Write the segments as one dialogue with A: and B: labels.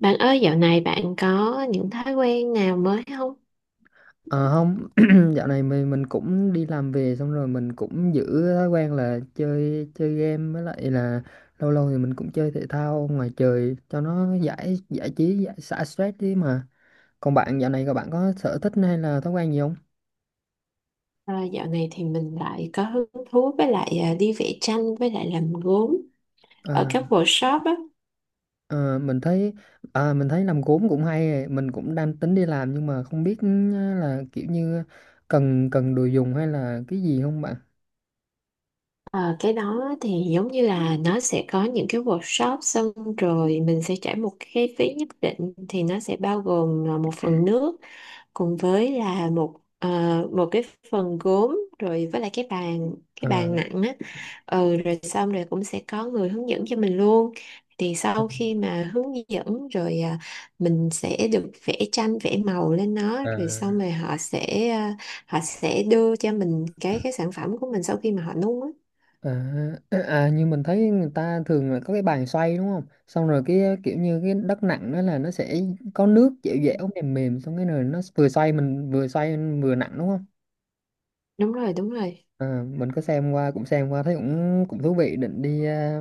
A: Bạn ơi, dạo này bạn có những thói quen nào mới không?
B: Ờ, không, dạo này mình cũng đi làm về xong rồi mình cũng giữ thói quen là chơi chơi game với lại là lâu lâu thì mình cũng chơi thể thao ngoài trời cho nó giải giải trí, giải xả stress đi mà. Còn bạn dạo này các bạn có sở thích hay là thói quen gì không?
A: À, dạo này thì mình lại có hứng thú với lại đi vẽ tranh với lại làm gốm
B: À,
A: ở các workshop á.
B: ờ, mình thấy mình thấy làm gốm cũng hay ấy. Mình cũng đang tính đi làm nhưng mà không biết là kiểu như cần cần đồ dùng hay là cái gì không bạn?
A: Ờ, cái đó thì giống như là nó sẽ có những cái workshop xong rồi mình sẽ trả một cái phí nhất định thì nó sẽ bao gồm một phần nước cùng với là một cái phần gốm rồi với lại cái bàn cái
B: Ờ.
A: bàn nặng á. Ừ rồi xong rồi cũng sẽ có người hướng dẫn cho mình luôn, thì sau khi mà hướng dẫn mình sẽ được vẽ tranh vẽ màu lên nó rồi xong
B: À.
A: rồi họ sẽ đưa cho mình cái sản phẩm của mình sau khi mà họ nung á.
B: À, như mình thấy người ta thường là có cái bàn xoay đúng không? Xong rồi cái kiểu như cái đất nặng đó là nó sẽ có nước dẻo dẻo mềm mềm, xong cái rồi nó vừa xoay mình vừa xoay vừa nặng đúng không?
A: Đúng rồi, đúng rồi.
B: À, mình có xem qua, cũng xem qua thấy cũng cũng thú vị,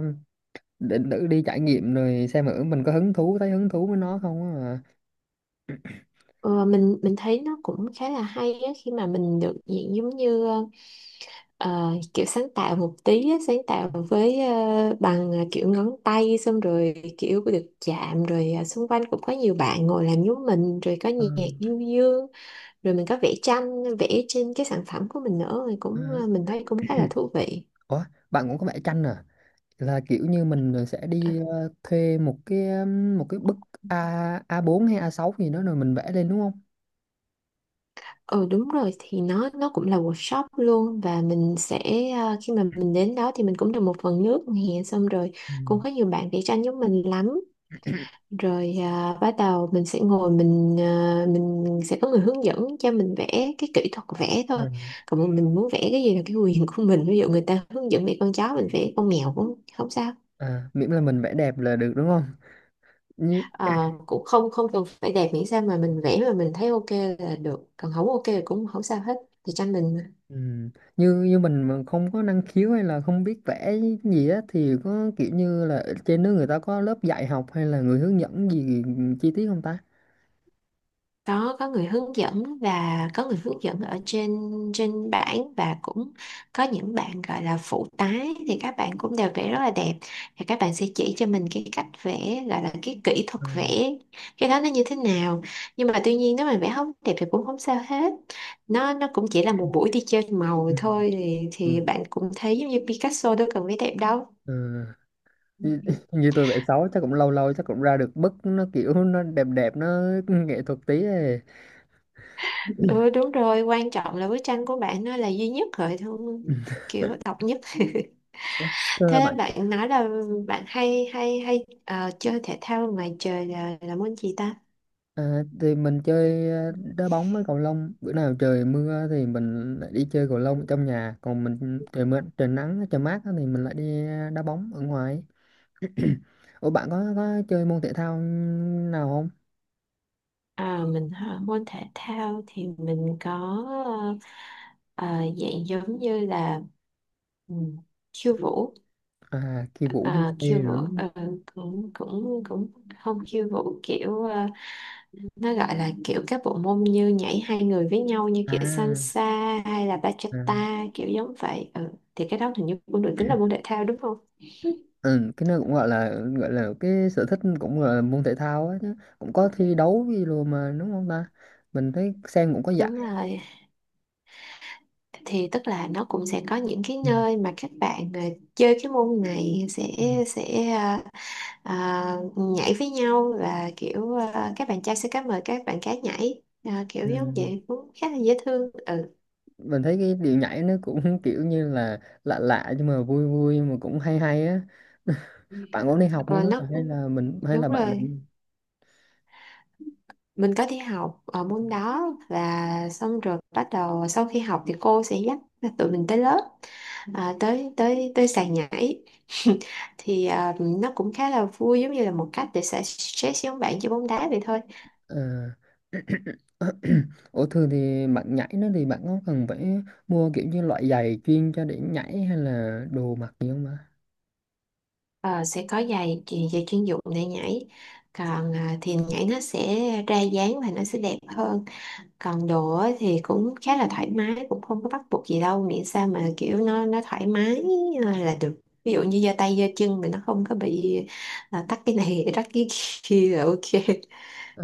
B: định thử đi trải nghiệm rồi xem thử mình có hứng thú thấy hứng thú với nó không á mà.
A: Ờ, mình thấy nó cũng khá là hay á khi mà mình được diện giống như ờ, kiểu sáng tạo một tí á, sáng tạo với bằng kiểu ngón tay xong rồi kiểu được chạm rồi xung quanh cũng có nhiều bạn ngồi làm giống mình rồi có
B: Ờ.
A: nhạc du dương, rồi mình có vẽ tranh vẽ trên cái sản phẩm của mình nữa thì
B: Ờ.
A: cũng mình thấy cũng khá là thú vị.
B: Ủa, bạn cũng có vẽ tranh à? Là kiểu như mình sẽ
A: Ờ,
B: đi thuê một cái bức A4 hay A6 gì đó rồi mình vẽ lên đúng không?
A: ừ đúng rồi, thì nó cũng là workshop luôn. Và khi mà mình đến đó thì mình cũng được một phần nước nè, xong rồi
B: Ừ,
A: cũng có nhiều bạn vẽ tranh giống mình lắm, bắt đầu mình sẽ ngồi, mình sẽ có người hướng dẫn cho mình vẽ cái kỹ thuật vẽ thôi.
B: ừ,
A: Còn mà mình muốn vẽ cái gì là cái quyền của mình, ví dụ người ta hướng dẫn để con chó mình vẽ con mèo cũng không sao.
B: à, miễn là mình vẽ đẹp là được đúng không? Như,
A: Ờ, cũng không không cần phải đẹp, miễn sao mà mình vẽ mà mình thấy ok là được, còn không ok thì cũng không sao hết, thì cho mình.
B: ừ, như như mình mà không có năng khiếu hay là không biết vẽ gì á thì có kiểu như là ở trên nước người ta có lớp dạy học hay là người hướng dẫn gì chi tiết không ta?
A: Đó, có người hướng dẫn, và có người hướng dẫn ở trên trên bảng, và cũng có những bạn gọi là phụ tái thì các bạn cũng đều vẽ rất là đẹp, thì các bạn sẽ chỉ cho mình cái cách vẽ gọi là cái kỹ thuật
B: Ừ,
A: vẽ, cái đó nó như thế nào. Nhưng mà tuy nhiên nếu mà vẽ không đẹp thì cũng không sao hết, nó cũng chỉ là một buổi đi chơi màu
B: ừ,
A: thôi, thì,
B: ừ,
A: thì bạn cũng thấy giống như Picasso đâu cần vẽ đẹp đâu.
B: ừ. Như, Như tôi vẽ xấu chắc cũng lâu lâu chắc cũng ra được bức nó kiểu nó đẹp đẹp, nó nghệ thuật tí ấy.
A: Ừ đúng rồi, quan trọng là bức tranh của bạn nó là duy nhất rồi thôi,
B: Ừ.
A: kiểu độc nhất.
B: Ủa, thưa
A: Thế
B: bạn.
A: bạn nói là bạn hay hay hay ờ, chơi thể thao ngoài trời là môn gì ta?
B: À, thì mình chơi đá bóng với cầu lông. Bữa nào trời mưa thì mình lại đi chơi cầu lông ở trong nhà, còn mình trời mưa trời nắng trời mát á thì mình lại đi đá bóng ở ngoài. Ủa, bạn có chơi môn thể thao nào không?
A: À, mình hả? Môn thể thao thì mình có ờ, dạng giống như là ừ, khiêu vũ,
B: À, khi vũ mua về
A: khiêu vũ,
B: rồi đúng không?
A: ờ, cũng cũng cũng không khiêu vũ kiểu nó gọi là kiểu các bộ môn như nhảy hai người với nhau, như kiểu
B: À,
A: salsa hay là
B: à.
A: bachata kiểu giống vậy ừ. Thì cái đó hình như cũng được tính là môn thể thao đúng không?
B: Ừ, cái nó cũng gọi là cái sở thích, cũng gọi là môn thể thao á, chứ cũng có thi đấu gì rồi mà, đúng không ta? Mình thấy xem cũng có giải.
A: Đúng rồi, thì tức là nó cũng sẽ có những cái
B: Ừ.
A: nơi mà các bạn chơi cái môn này sẽ
B: Ừ.
A: sẽ ờ, ờ, nhảy với nhau, và kiểu các bạn trai sẽ cá mời các bạn gái nhảy. Ờ, Kiểu
B: Ừ.
A: giống vậy cũng khá là dễ thương ừ.
B: Mình thấy cái điệu nhảy nó cũng kiểu như là lạ lạ nhưng mà vui vui mà cũng hay hay á. Bạn có đi học môn
A: Ờ,
B: đó à?
A: nó cũng-
B: Hay
A: Đúng
B: là bạn
A: rồi, mình có đi học ở môn đó, và xong rồi bắt đầu sau khi học thì cô sẽ dắt tụi mình tới lớp, tới tới tới sàn nhảy. Thì nó cũng khá là vui, giống như là một cách để xả stress với ông bạn chơi bóng đá vậy thôi.
B: ờ, Ủa, thường thì bạn nhảy nó thì bạn có cần phải mua kiểu như loại giày chuyên cho để nhảy hay là đồ mặc gì không ạ?
A: Ờ, sẽ có giày chuyên dụng để nhảy, còn thì nhảy nó sẽ ra dáng và nó sẽ đẹp hơn. Còn đồ á thì cũng khá là thoải mái, cũng không có bắt buộc gì đâu, miễn sao mà kiểu nó thoải mái, là được, ví dụ như giơ tay giơ chân mình nó không có bị tắt cái này tắt cái kia là ok.
B: Ờ.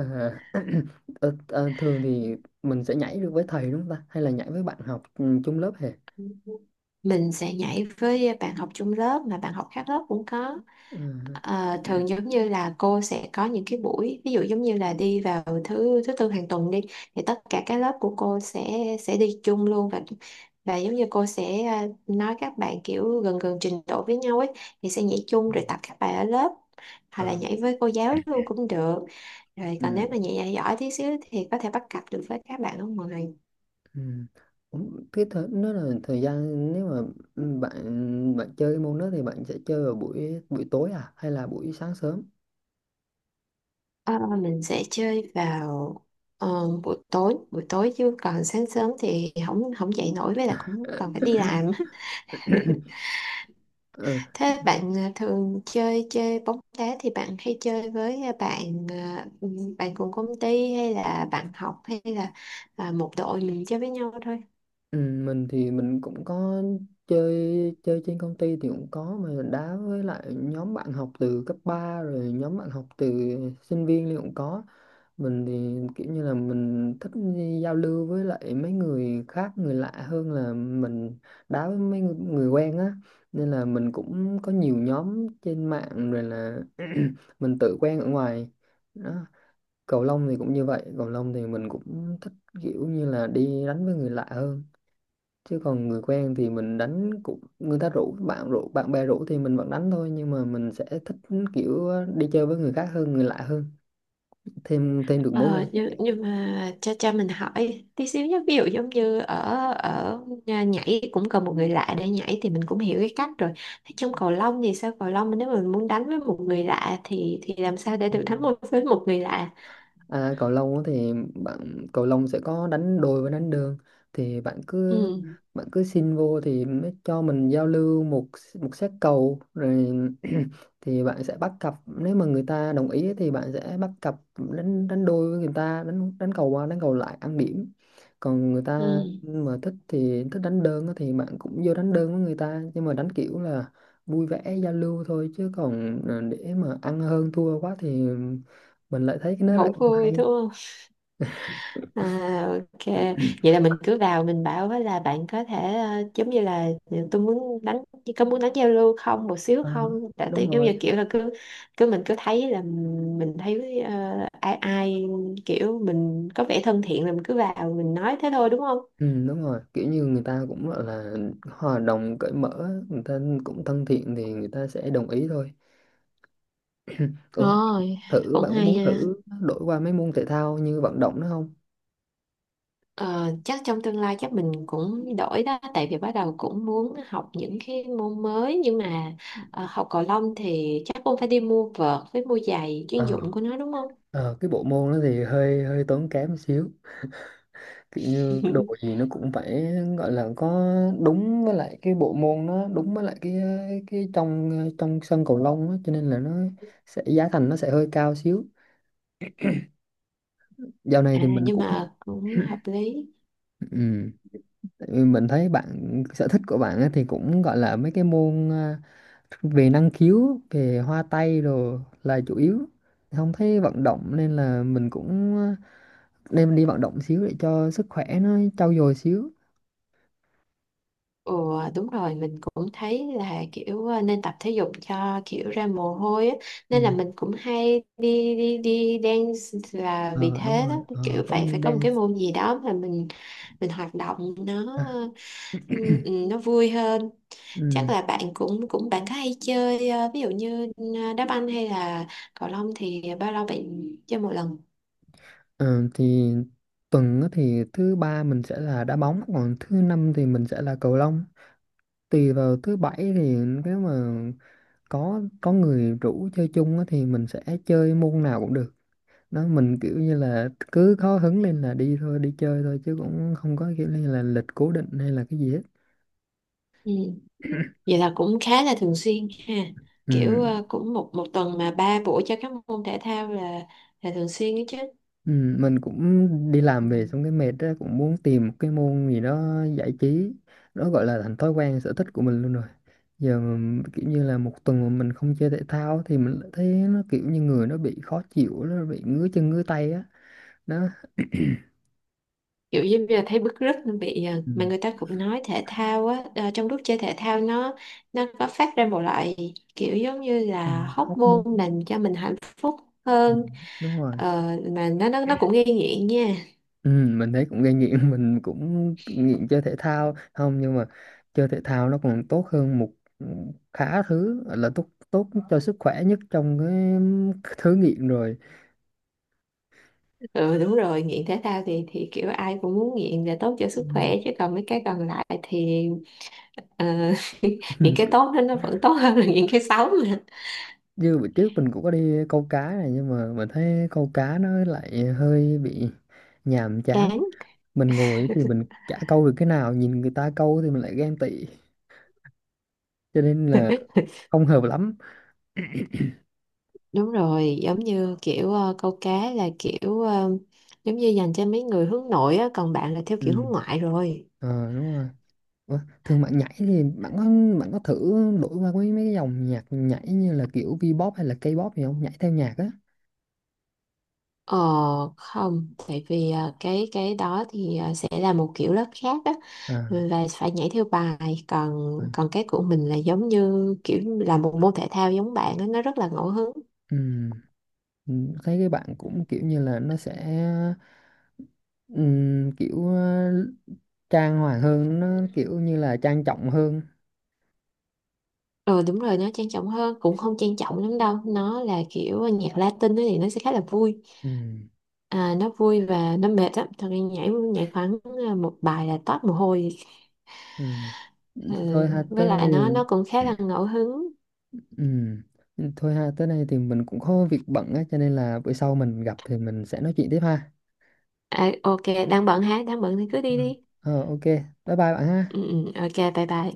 B: ờ, Thường thì mình sẽ nhảy được với thầy đúng không ta, hay là nhảy với bạn học chung lớp hề?
A: Mình sẽ nhảy với bạn học chung lớp, mà bạn học khác lớp cũng có.
B: Ờ,
A: À, thường giống như là cô sẽ có những cái buổi, ví dụ giống như là đi vào thứ thứ tư hàng tuần đi, thì tất cả các lớp của cô sẽ đi chung luôn, và giống như cô sẽ nói các bạn kiểu gần gần trình độ với nhau ấy thì sẽ nhảy chung rồi tập các bài ở lớp, hoặc
B: ờ,
A: là nhảy với cô giáo luôn cũng được, rồi còn
B: ừ.
A: nếu mà nhảy giỏi tí xíu thì có thể bắt cặp được với các bạn ở ngoài.
B: Ừ. Nó là thời gian, nếu mà bạn bạn chơi cái môn đó thì bạn sẽ chơi vào buổi buổi tối à hay là buổi sáng sớm?
A: Ờ, mình sẽ chơi vào ờ, buổi tối, chứ còn sáng sớm thì không không dậy nổi, với lại cũng còn phải đi làm á.
B: Ừ.
A: Thế bạn thường chơi chơi bóng đá thì bạn hay chơi với bạn cùng công ty hay là bạn học, hay là một đội mình chơi với nhau thôi?
B: Ừ, mình thì mình cũng có chơi chơi trên công ty thì cũng có, mà mình đá với lại nhóm bạn học từ cấp 3 rồi nhóm bạn học từ sinh viên thì cũng có. Mình thì kiểu như là mình thích đi giao lưu với lại mấy người khác, người lạ hơn là mình đá với mấy người, người quen á, nên là mình cũng có nhiều nhóm trên mạng rồi là mình tự quen ở ngoài đó. Cầu lông thì cũng như vậy, cầu lông thì mình cũng thích kiểu như là đi đánh với người lạ hơn, chứ còn người quen thì mình đánh cũng, người ta rủ bạn bè rủ thì mình vẫn đánh thôi, nhưng mà mình sẽ thích kiểu đi chơi với người khác hơn, người lạ hơn, thêm thêm được mối quan
A: Ờ, nhưng mà cha cha mình hỏi tí xíu nhé, ví dụ giống như ở ở nhà nhảy cũng cần một người lạ để nhảy thì mình cũng hiểu cái cách rồi. Thế trong cầu lông thì sao? Cầu lông mà nếu mà mình muốn đánh với một người lạ thì làm sao để
B: hệ.
A: được đánh một với một người lạ?
B: À, cầu lông á thì bạn, cầu lông sẽ có đánh đôi và đánh đơn, thì bạn cứ
A: Ừ,
B: bạn cứ xin vô thì mới cho mình giao lưu một một set cầu rồi. Thì bạn sẽ bắt cặp, nếu mà người ta đồng ý thì bạn sẽ bắt cặp đánh đánh đôi với người ta, đánh đánh cầu qua đánh cầu lại ăn điểm. Còn người
A: ừ.
B: ta mà thích thì thích đánh đơn á thì bạn cũng vô đánh đơn với người ta, nhưng mà đánh kiểu là vui vẻ giao lưu thôi, chứ còn để mà ăn hơn thua quá thì mình lại thấy cái nó
A: Hậu
B: lại không
A: vui
B: hay.
A: thôi. À, ok, vậy là mình cứ vào mình bảo với là bạn có thể giống như là tôi muốn đánh, có muốn đánh giao lưu không một xíu
B: Ờ,
A: không, tại
B: đúng
A: tôi giống
B: rồi.
A: như kiểu là cứ cứ mình cứ thấy là mình thấy ai ai kiểu mình có vẻ thân thiện là mình cứ vào mình nói thế thôi, đúng không?
B: Ừ, đúng rồi, kiểu như người ta cũng gọi là hòa đồng cởi mở, người ta cũng thân thiện thì người ta sẽ đồng ý thôi. Ủa,
A: Rồi, cũng
B: bạn có
A: hay
B: muốn
A: ha.
B: thử đổi qua mấy môn thể thao như vận động nữa không?
A: Ờ, chắc trong tương lai chắc mình cũng đổi đó, tại vì bắt đầu cũng muốn học những cái môn mới, nhưng mà học cầu lông thì chắc cũng phải đi mua vợt với mua giày chuyên
B: Ờ,
A: dụng của nó đúng không?
B: ờ, cái bộ môn đó thì hơi hơi tốn kém một xíu, kiểu như đồ gì nó cũng phải gọi là có đúng với lại cái bộ môn, nó đúng với lại cái trong trong sân cầu lông á, cho nên là nó sẽ, giá thành nó sẽ hơi cao xíu. Dạo này
A: À,
B: thì mình
A: nhưng
B: cũng,
A: mà cũng hợp lý.
B: ừ. Ừ, mình thấy bạn, sở thích của bạn á thì cũng gọi là mấy cái môn về năng khiếu, về hoa tay đồ là chủ yếu, không thấy vận động, nên là mình cũng nên đi vận động xíu để cho sức khỏe nó trau dồi xíu.
A: Ồ đúng rồi, mình cũng thấy là kiểu nên tập thể dục cho kiểu ra mồ hôi á.
B: Ừ.
A: Nên là mình cũng hay đi đi đi dance là vì
B: Ờ, đúng
A: thế
B: rồi.
A: đó,
B: Ờ,
A: kiểu
B: có
A: phải phải
B: môn
A: có một cái
B: dance.
A: môn gì đó mà mình hoạt động nó.
B: À,
A: Ừ, ừ, nó vui hơn. Chắc
B: ừ.
A: là bạn cũng cũng bạn có hay chơi ví dụ như đá banh hay là cầu lông thì bao lâu bạn chơi một lần?
B: Ờ, thì tuần á thì thứ ba mình sẽ là đá bóng, còn thứ năm thì mình sẽ là cầu lông, tùy vào. Thứ bảy thì nếu mà có người rủ chơi chung á thì mình sẽ chơi môn nào cũng được đó. Mình kiểu như là cứ có hứng lên là đi thôi, đi chơi thôi chứ cũng không có kiểu như là lịch cố định hay là cái gì hết.
A: Ừ. Vậy là cũng khá là thường xuyên ha,
B: Ừ.
A: kiểu cũng một một tuần mà ba buổi cho các môn thể thao là thường xuyên đó chứ.
B: Ừ. Mình cũng đi làm
A: Ừ.
B: về xong cái mệt á, cũng muốn tìm một cái môn gì đó giải trí, nó gọi là thành thói quen sở thích của mình luôn rồi. Giờ mà kiểu như là một tuần mà mình không chơi thể thao thì mình lại thấy nó kiểu như người nó bị khó chịu, nó bị ngứa chân ngứa tay á đó.
A: Kiểu như bây giờ thấy bứt rứt nó bị
B: Ừ,
A: mà người ta cũng nói thể thao á, trong lúc chơi thể thao nó có phát ra một loại kiểu giống như
B: ừ,
A: là
B: hóc
A: hormone
B: môn.
A: môn làm cho mình hạnh phúc
B: Ừ,
A: hơn.
B: đúng rồi.
A: Ờ, mà nó cũng gây nghiện nha.
B: Ừ, mình thấy cũng gây nghiện. Mình cũng nghiện chơi thể thao không, nhưng mà chơi thể thao nó còn tốt hơn một, ừ, khá thứ, gọi là tốt, tốt cho sức khỏe nhất trong cái thứ nghiện rồi.
A: Ừ đúng rồi, nghiện thể thao thì kiểu ai cũng muốn nghiện để tốt cho
B: Ừ,
A: sức khỏe, chứ còn mấy cái còn lại thì ờ, những cái tốt đó nó vẫn tốt hơn là những cái xấu mà.
B: như bữa trước mình cũng có đi câu cá này, nhưng mà mình thấy câu cá nó lại hơi bị nhàm chán.
A: Đáng,
B: Mình ngồi thì mình chả câu được cái nào, nhìn người ta câu thì mình lại ghen tị, cho nên là không hợp lắm.
A: đúng rồi, giống như kiểu câu cá là kiểu giống như dành cho mấy người hướng nội á, còn bạn là theo
B: Ừ.
A: kiểu hướng ngoại rồi.
B: Ờ, đúng rồi. Ủa, thương bạn nhảy thì bạn có thử đổi qua mấy mấy cái dòng nhạc nhảy như là kiểu V-pop hay là K-pop gì không? Nhảy theo nhạc á.
A: Ờ không, tại vì cái đó thì sẽ là một kiểu lớp khác á,
B: À,
A: và phải nhảy theo bài, còn
B: ừ.
A: còn cái của mình là giống như kiểu là một môn thể thao giống bạn á, nó rất là ngẫu hứng.
B: Ừm, Thấy cái bạn cũng kiểu như là nó sẽ kiểu trang hoàng hơn, nó kiểu như là trang trọng hơn.
A: Ờ đúng rồi, nó trang trọng hơn, cũng không trang trọng lắm đâu, nó là kiểu nhạc Latin ấy thì nó sẽ khá là vui.
B: Ừm,
A: Nó vui và nó mệt lắm thật ra, nhảy nhảy khoảng một bài là toát mồ hôi.
B: ừm.
A: Ừ.
B: Thôi ha,
A: Với
B: tới đây
A: lại nó
B: thì
A: nó cũng khá là ngẫu hứng.
B: ừm. Thôi ha, tới đây thì mình cũng có việc bận á, cho nên là bữa sau mình gặp thì mình sẽ nói chuyện tiếp ha.
A: À, ok. Đang bận hả? Đang bận thì cứ
B: Ừ.
A: đi đi.
B: Ờ, ok, bye bye bạn ha.
A: Ừ, ừ, ok, bye bye.